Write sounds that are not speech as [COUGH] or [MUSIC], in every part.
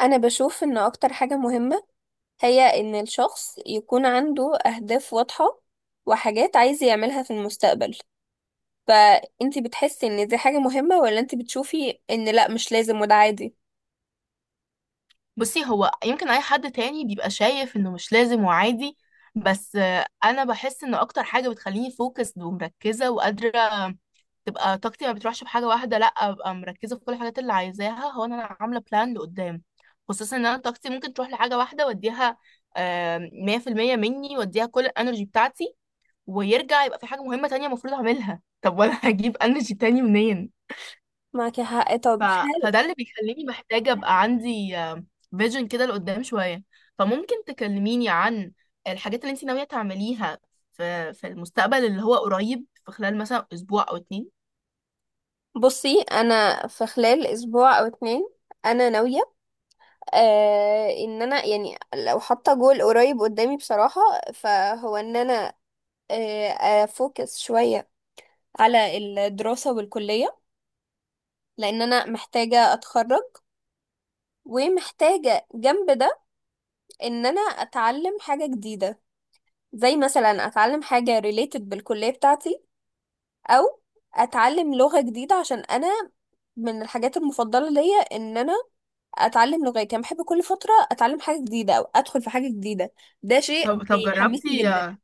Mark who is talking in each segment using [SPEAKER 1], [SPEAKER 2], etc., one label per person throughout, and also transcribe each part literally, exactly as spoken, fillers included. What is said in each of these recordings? [SPEAKER 1] انا بشوف ان اكتر حاجة مهمة هي ان الشخص يكون عنده اهداف واضحة وحاجات عايز يعملها في المستقبل. فانتي بتحسي ان دي حاجة مهمة ولا انتي بتشوفي ان لا مش لازم وده عادي؟
[SPEAKER 2] بصي، هو يمكن اي حد تاني بيبقى شايف انه مش لازم وعادي. بس آه، انا بحس ان اكتر حاجه بتخليني فوكس ومركزه وقادره تبقى طاقتي ما بتروحش في حاجه واحده، لا ابقى مركزه في كل الحاجات اللي عايزاها، هو إن انا عامله بلان لقدام. خصوصا ان انا طاقتي ممكن تروح لحاجه واحده واديها آه، مية في المية مني، واديها كل الانرجي بتاعتي، ويرجع يبقى في حاجه مهمه تانية المفروض اعملها. طب وانا [LAUGHS] هجيب انرجي تاني منين؟
[SPEAKER 1] معاكي حق.
[SPEAKER 2] ف...
[SPEAKER 1] طب هل
[SPEAKER 2] فده اللي بيخليني محتاجة أبقى عندي فيجن كده لقدام شوية. فممكن تكلميني عن الحاجات اللي انت ناوية تعمليها في في المستقبل اللي هو قريب، في خلال مثلا أسبوع أو اتنين؟
[SPEAKER 1] بصي، انا في خلال اسبوع او اتنين انا ناوية، آه ان انا يعني لو حاطة جول قريب قدامي بصراحة، فهو ان انا آه افوكس شوية على الدراسة والكلية، لان انا محتاجة اتخرج. ومحتاجة جنب ده ان انا اتعلم حاجة جديدة، زي مثلا اتعلم حاجة related بالكلية بتاعتي، او اتعلم لغة جديدة، عشان انا من الحاجات المفضلة ليا ان انا اتعلم لغات. يعني بحب كل فترة اتعلم حاجة جديدة او ادخل في حاجة جديدة، ده شيء
[SPEAKER 2] طب طب
[SPEAKER 1] بيحمسني
[SPEAKER 2] جربتي
[SPEAKER 1] جدا.
[SPEAKER 2] آه،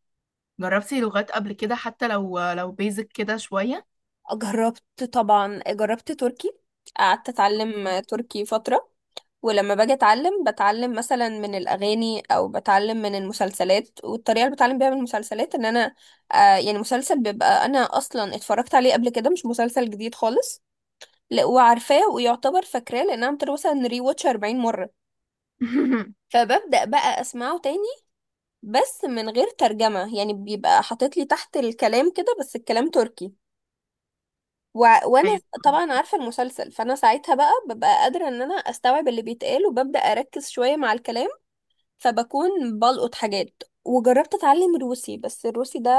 [SPEAKER 2] جربتي لغات قبل كده، حتى لو لو بيزك كده شوية؟
[SPEAKER 1] جربت، طبعا جربت تركي، قعدت
[SPEAKER 2] آه.
[SPEAKER 1] اتعلم تركي فترة. ولما باجي اتعلم، بتعلم مثلا من الاغاني او بتعلم من المسلسلات. والطريقة اللي بتعلم بيها من المسلسلات ان انا آه يعني مسلسل بيبقى انا اصلا اتفرجت عليه قبل كده، مش مسلسل جديد خالص، لا وعارفاه ويعتبر فاكراه، لان انا عملت له مثلا ري واتش أربعين مرة.
[SPEAKER 2] [LAUGHS]
[SPEAKER 1] فببدأ بقى اسمعه تاني، بس من غير ترجمة، يعني بيبقى حاطط لي تحت الكلام كده بس الكلام تركي. و... وانا
[SPEAKER 2] أيوة.
[SPEAKER 1] طبعا عارفه المسلسل، فانا ساعتها بقى ببقى قادره ان انا استوعب اللي بيتقال، وببدا اركز شويه مع الكلام، فبكون بلقط حاجات. وجربت اتعلم روسي، بس الروسي ده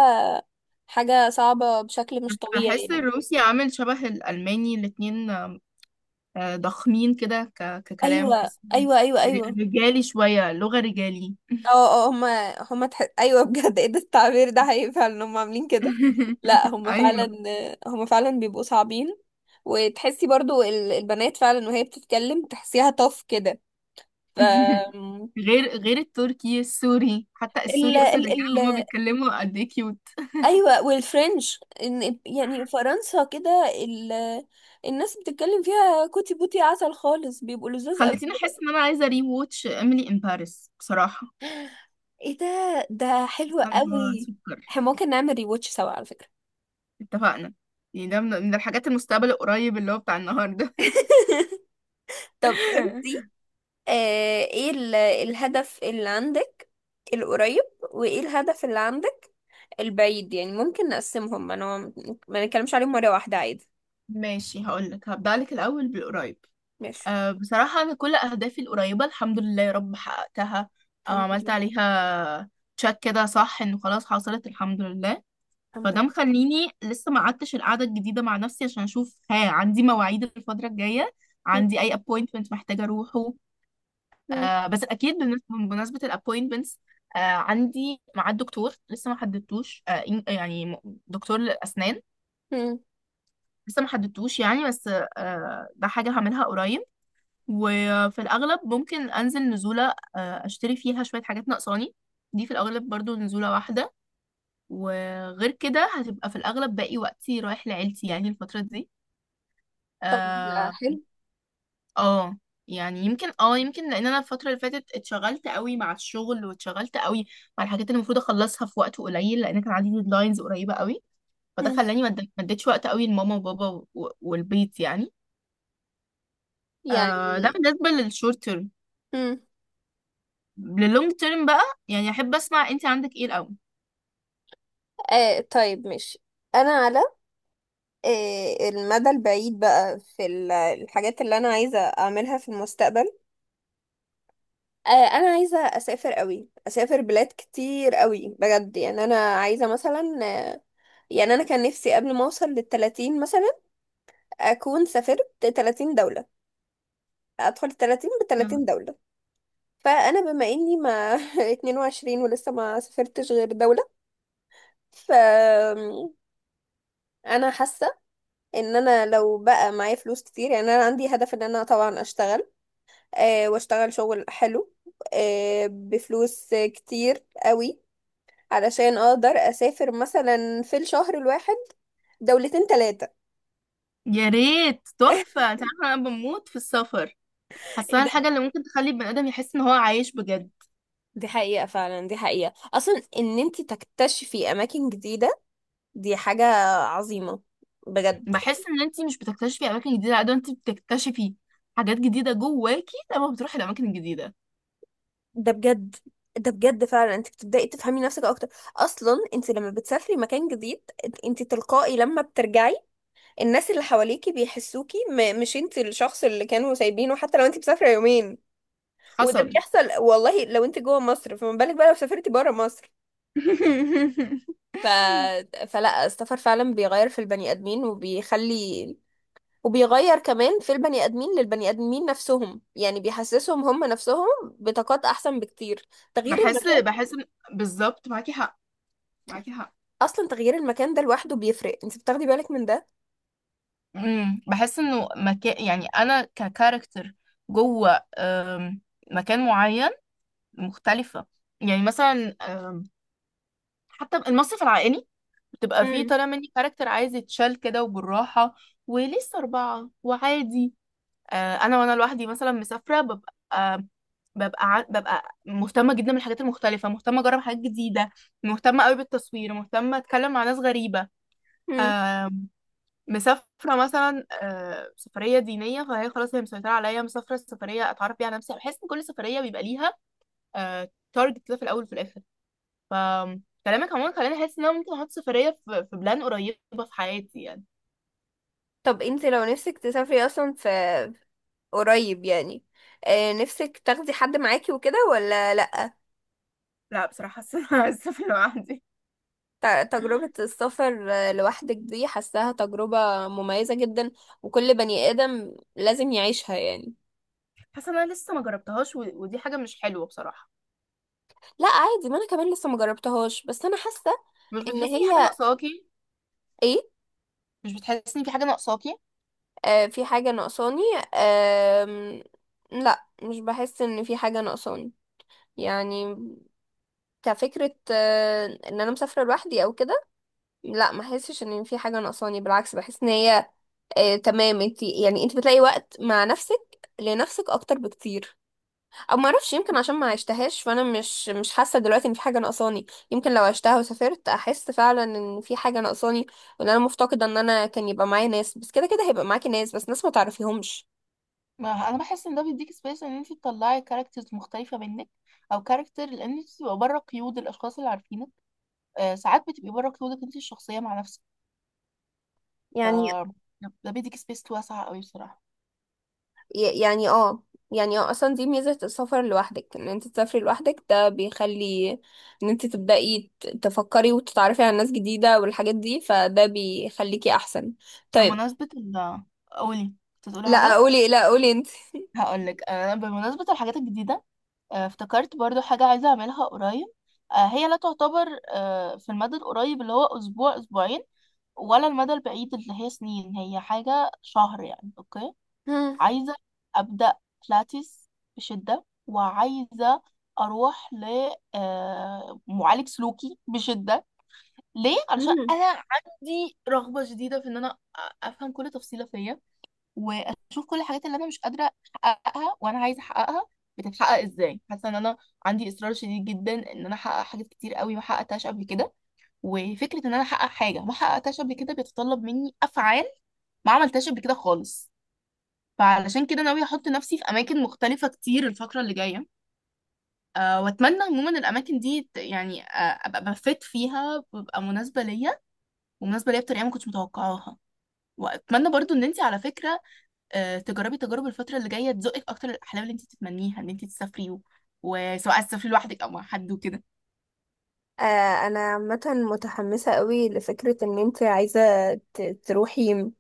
[SPEAKER 1] حاجه صعبه بشكل مش طبيعي
[SPEAKER 2] بحس
[SPEAKER 1] يعني.
[SPEAKER 2] الروسي عامل شبه الألماني الاتنين، آه، آه، ضخمين كده ك- ككلام،
[SPEAKER 1] ايوه
[SPEAKER 2] حس
[SPEAKER 1] ايوه ايوه
[SPEAKER 2] ر-
[SPEAKER 1] ايوه.
[SPEAKER 2] رجالي، شوية لغة رجالي.
[SPEAKER 1] اه اه، هما هما تح... ايوه، [LAUGHS] بجد، ايه ده! التعبير ده حقيقي فعلا، هما عاملين كده. لا
[SPEAKER 2] [LAUGHS]
[SPEAKER 1] هما فعلا،
[SPEAKER 2] أيوة.
[SPEAKER 1] هما فعلا بيبقوا صعبين. وتحسي برضو ال- البنات فعلا وهي بتتكلم تحسيها طف كده. ف
[SPEAKER 2] [LAUGHS] غير غير التركي السوري، حتى
[SPEAKER 1] ال...
[SPEAKER 2] السوري اصلا
[SPEAKER 1] ال... ال...
[SPEAKER 2] الرجاله هما بيتكلموا قد ايه كيوت.
[SPEAKER 1] ايوه، والفرنش إن- يعني فرنسا كده، ال... الناس بتتكلم فيها كوتي بوتي عسل خالص، بيبقوا لذاذ قوي.
[SPEAKER 2] خلتيني احس ان انا عايزه ري واتش ايميلي ان باريس بصراحه،
[SPEAKER 1] ايه ده! ده حلو
[SPEAKER 2] حاسه ان هو
[SPEAKER 1] قوي.
[SPEAKER 2] سوبر.
[SPEAKER 1] احنا ممكن نعمل ريواتش سوا على فكرة.
[SPEAKER 2] اتفقنا. يعني ده من من الحاجات المستقبل القريب اللي هو بتاع النهارده.
[SPEAKER 1] [LAUGHS] طب انت،
[SPEAKER 2] [LAUGHS]
[SPEAKER 1] آه ايه ال... الهدف اللي عندك القريب؟ وايه الهدف اللي عندك البعيد؟ يعني ممكن نقسمهم، انا ما ما نتكلمش عليهم مرة واحدة عادي.
[SPEAKER 2] ماشي، هقولك هبدأ لك الأول بالقريب.
[SPEAKER 1] ماشي.
[SPEAKER 2] أه بصراحة أنا كل أهدافي القريبة، الحمد لله يا رب، حققتها أو
[SPEAKER 1] الحمد
[SPEAKER 2] عملت
[SPEAKER 1] لله،
[SPEAKER 2] عليها تشيك كده، صح إنه خلاص حصلت الحمد لله.
[SPEAKER 1] الحمد
[SPEAKER 2] فده
[SPEAKER 1] لله.
[SPEAKER 2] مخليني لسه ما قعدتش القعده الجديده مع نفسي عشان اشوف ها عندي مواعيد الفتره الجايه،
[SPEAKER 1] [LAUGHS]
[SPEAKER 2] عندي اي ابوينتمنت محتاجه اروحه.
[SPEAKER 1] مم. مم.
[SPEAKER 2] آه بس اكيد بالنس- بمناسبه الابوينتمنتس، آه عندي ميعاد دكتور لسه ما حددتوش، آه إن- يعني م- دكتور للاسنان
[SPEAKER 1] مم.
[SPEAKER 2] لسه ما حددتوش يعني. بس آه ده حاجه هعملها قريب. وفي الاغلب ممكن انزل نزوله آه اشتري فيها شويه حاجات ناقصاني، دي في الاغلب برضو نزوله واحده. وغير كده هتبقى في الأغلب باقي وقتي رايح لعيلتي يعني الفترة دي.
[SPEAKER 1] طب
[SPEAKER 2] اه.
[SPEAKER 1] حلو.
[SPEAKER 2] آه، يعني يمكن، اه يمكن لان انا الفتره اللي فاتت اتشغلت قوي مع الشغل، واتشغلت قوي مع الحاجات اللي المفروض اخلصها في وقت قليل، لان كان عندي ديدلاينز قريبه قوي، فده
[SPEAKER 1] مم.
[SPEAKER 2] خلاني ما اد- ما اديتش وقت قوي لماما وبابا و- والبيت يعني. آه ده
[SPEAKER 1] يعني.
[SPEAKER 2] بالنسبه للشورت تيرم.
[SPEAKER 1] مم.
[SPEAKER 2] للونج تيرم بقى، يعني احب اسمع انت عندك ايه الاول.
[SPEAKER 1] آه طيب، مش انا على آه المدى البعيد بقى، في ال- الحاجات اللي انا عايزه اعملها في المستقبل، آه انا عايزه اسافر قوي، اسافر بلاد كتير قوي بجد. يعني انا عايزه مثلا، آه يعني انا كان نفسي قبل ما اوصل للتلاتين مثلا اكون سافرت تلاتين دوله، ادخل التلاتين
[SPEAKER 2] يلا.
[SPEAKER 1] بتلاتين دوله. فانا بما اني ما [LAUGHS] اتنين وعشرين ولسه ما سافرتش غير دوله. ف انا حاسه ان انا لو بقى معايا فلوس كتير، يعني انا عندي هدف ان انا طبعا اشتغل، أه واشتغل شغل حلو، أه بفلوس كتير قوي، علشان اقدر اسافر مثلا في الشهر الواحد دولتين ثلاثة.
[SPEAKER 2] يا ريت
[SPEAKER 1] [LAUGHS]
[SPEAKER 2] تحفه، انت عارفه انا بموت في السفر.
[SPEAKER 1] ايه
[SPEAKER 2] حاسه
[SPEAKER 1] ده!
[SPEAKER 2] الحاجه اللي ممكن تخلي البني ادم يحس ان هو عايش بجد.
[SPEAKER 1] دي حقيقة فعلا، دي حقيقة اصلا ان انت تكتشفي اماكن جديدة، دي حاجة عظيمة بجد.
[SPEAKER 2] بحس ان انت مش بتكتشفي اماكن جديده قد ما انت بتكتشفي حاجات جديده جواكي لما بتروحي الاماكن الجديده.
[SPEAKER 1] ده بجد، ده بجد فعلا، انت بتبدأي تفهمي نفسك اكتر. اصلا انت لما بتسافري مكان جديد، انت تلقائي لما بترجعي الناس اللي حواليكي بيحسوكي م- مش انت الشخص اللي كانوا سايبينه، حتى لو انت مسافره يومين. وده
[SPEAKER 2] حصل.
[SPEAKER 1] بيحصل والله لو انت جوه مصر، فما بالك بقى لو سافرتي بره مصر.
[SPEAKER 2] [LAUGHS]
[SPEAKER 1] ف... فلا، السفر فعلا بيغير في البني ادمين، وبيخلي، وبيغير كمان في البني ادمين للبني ادمين نفسهم، يعني بيحسسهم هم نفسهم بطاقات احسن بكتير، تغيير
[SPEAKER 2] بحس
[SPEAKER 1] المكان.
[SPEAKER 2] بحس إن- بالظبط، معاكي حق، معاكي حق.
[SPEAKER 1] اصلا تغيير المكان ده لوحده بيفرق، انت بتاخدي بالك من ده.
[SPEAKER 2] امم بحس انه مكان، يعني انا ككاركتر جوه أم، مكان معين مختلفه. يعني مثلا أم، حتى المصيف العائلي بتبقى فيه طالع مني كاركتر عايز يتشال كده وبالراحه ولسه اربعه وعادي. آه، انا وانا لوحدي مثلا مسافره، ببقى آه، ببقى ع- ببقى مهتمه جدا بالحاجات المختلفه، مهتمه اجرب حاجات جديده، مهتمه قوي بالتصوير، مهتمه اتكلم مع ناس غريبه.
[SPEAKER 1] امم.
[SPEAKER 2] آه، مسافره مثلا آه، سفريه دينيه، فهي خلاص هي مسيطره عليا. مسافره سفريه اتعرف بيها على نفسي. بحس ان كل سفريه بيبقى ليها تارجت كده في الاول وفي الاخر. ف كلامك عموما خلاني احس ان انا ممكن احط سفريه في في بلان قريبه في حياتي يعني.
[SPEAKER 1] طب انت لو نفسك تسافري اصلا في قريب يعني، آه، نفسك تاخدي حد معاكي وكده ولا لأ؟
[SPEAKER 2] لا بصراحه حاسه [LAUGHS] إن انا عايزه اسافر لوحدي.
[SPEAKER 1] ت- تجربة السفر آه، لوحدك دي حاساها تجربة مميزة جدا، وكل بني آدم لازم يعيشها يعني.
[SPEAKER 2] حاسه ان انا لسه ما جربتهاش و- ودي حاجه مش حلوه بصراحه.
[SPEAKER 1] لأ عادي، ما أنا كمان لسه مجربتهاش، بس أنا حاسة
[SPEAKER 2] مش
[SPEAKER 1] إن
[SPEAKER 2] بتحسي ان في حاجه
[SPEAKER 1] هي
[SPEAKER 2] ناقصاكي؟
[SPEAKER 1] إيه،
[SPEAKER 2] مش بتحسي ان في حاجه ناقصاكي؟
[SPEAKER 1] آه، في حاجة ناقصاني. آم، لأ، مش بحس إن في حاجة ناقصاني يعني، كفكرة آه، إن أنا مسافرة لوحدي أو كده. لأ ما أحسش إن في حاجة ناقصاني، بالعكس بحس إن هي آه، تمام. انت يعني، انت بتلاقي وقت مع نفسك لنفسك اكتر بكتير، او ما اعرفش، يمكن عشان ما عشتهاش فانا مش مش حاسه دلوقتي ان في حاجه ناقصاني، يمكن لو عشتها وسافرت احس فعلا ان في حاجه ناقصاني، وان انا مفتقده ان انا كان يبقى معايا ناس، بس كده كده هيبقى معاكي ناس، بس ناس ما تعرفيهمش
[SPEAKER 2] ما انا بحس ان ده بيديك سبيس ان انت تطلعي كاركترز مختلفه منك، او كاركتر، لان انت بتبقى بره قيود الاشخاص اللي عارفينك. آه ساعات بتبقي بره قيودك انت الشخصيه مع نفسك. ف
[SPEAKER 1] يعني.
[SPEAKER 2] ده بيديك سبيس واسعه قوي بصراحه.
[SPEAKER 1] ي- يعني اه يعني اه اصلا دي ميزه السفر لوحدك، ان انت تسافري لوحدك ده بيخلي ان انت تبداي ت- تفكري وتتعرفي على ناس جديده والحاجات دي، فده بيخليكي احسن. طيب.
[SPEAKER 2] بمناسبه ال قولي، كنت هتقولي
[SPEAKER 1] لا
[SPEAKER 2] حاجه.
[SPEAKER 1] قولي، لا قولي انت.
[SPEAKER 2] هقول لك انا بمناسبه الحاجات الجديده، آه، افتكرت برضو حاجة عايزة أعملها قريب. آه، هي لا تعتبر آه، في المدى القريب اللي هو أسبوع أسبوعين، ولا المدى البعيد اللي هي سنين، هي حاجة شهر يعني. أوكي،
[SPEAKER 1] مم.
[SPEAKER 2] عايزة أبدأ بلاتيس بشدة، وعايزة أروح لمعالج سلوكي بشدة. ليه؟ علشان
[SPEAKER 1] مم.
[SPEAKER 2] أنا عندي رغبة شديدة في إن أنا أ- أفهم كل تفصيلة فيا، واشوف كل الحاجات اللي انا مش قادره احققها وانا عايزه احققها بتتحقق ازاي. حاسه ان انا عندي اصرار شديد جدا ان انا احقق حاجات كتير قوي ما حققتهاش قبل كده، وفكره ان انا احقق حاجه ما حققتهاش قبل كده بيتطلب مني افعال ما عملتهاش قبل كده خالص. فعلشان كده ناويه احط نفسي في اماكن مختلفه كتير الفتره اللي جايه. أه واتمنى عموما الاماكن دي ت- يعني آه، ابقى بفت فيها وابقى مناسبه ليا، ومناسبه ليا بطريقه ما كنتش متوقعاها. واتمنى برضو ان انت على فكره آه، تجربي تجارب الفترة اللي جاية تزقك أكتر الأحلام اللي أنت تتمنيها إن أنت تسافري و- وسواء عايزة تسافري لوحدك أو مع حد وكده.
[SPEAKER 1] آه انا عامه متحمسه قوي لفكره ان انت عايزه ت- تروحي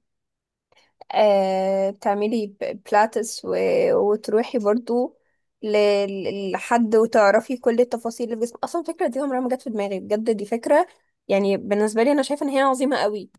[SPEAKER 1] آه تعملي ب- بلاتس، و... وتروحي برضو ل... ل- لحد وتعرفي كل التفاصيل الجسم. اصلا الفكره دي عمرها ما جت في دماغي بجد، دي فكره يعني بالنسبه لي انا شايفه ان هي عظيمه قوي.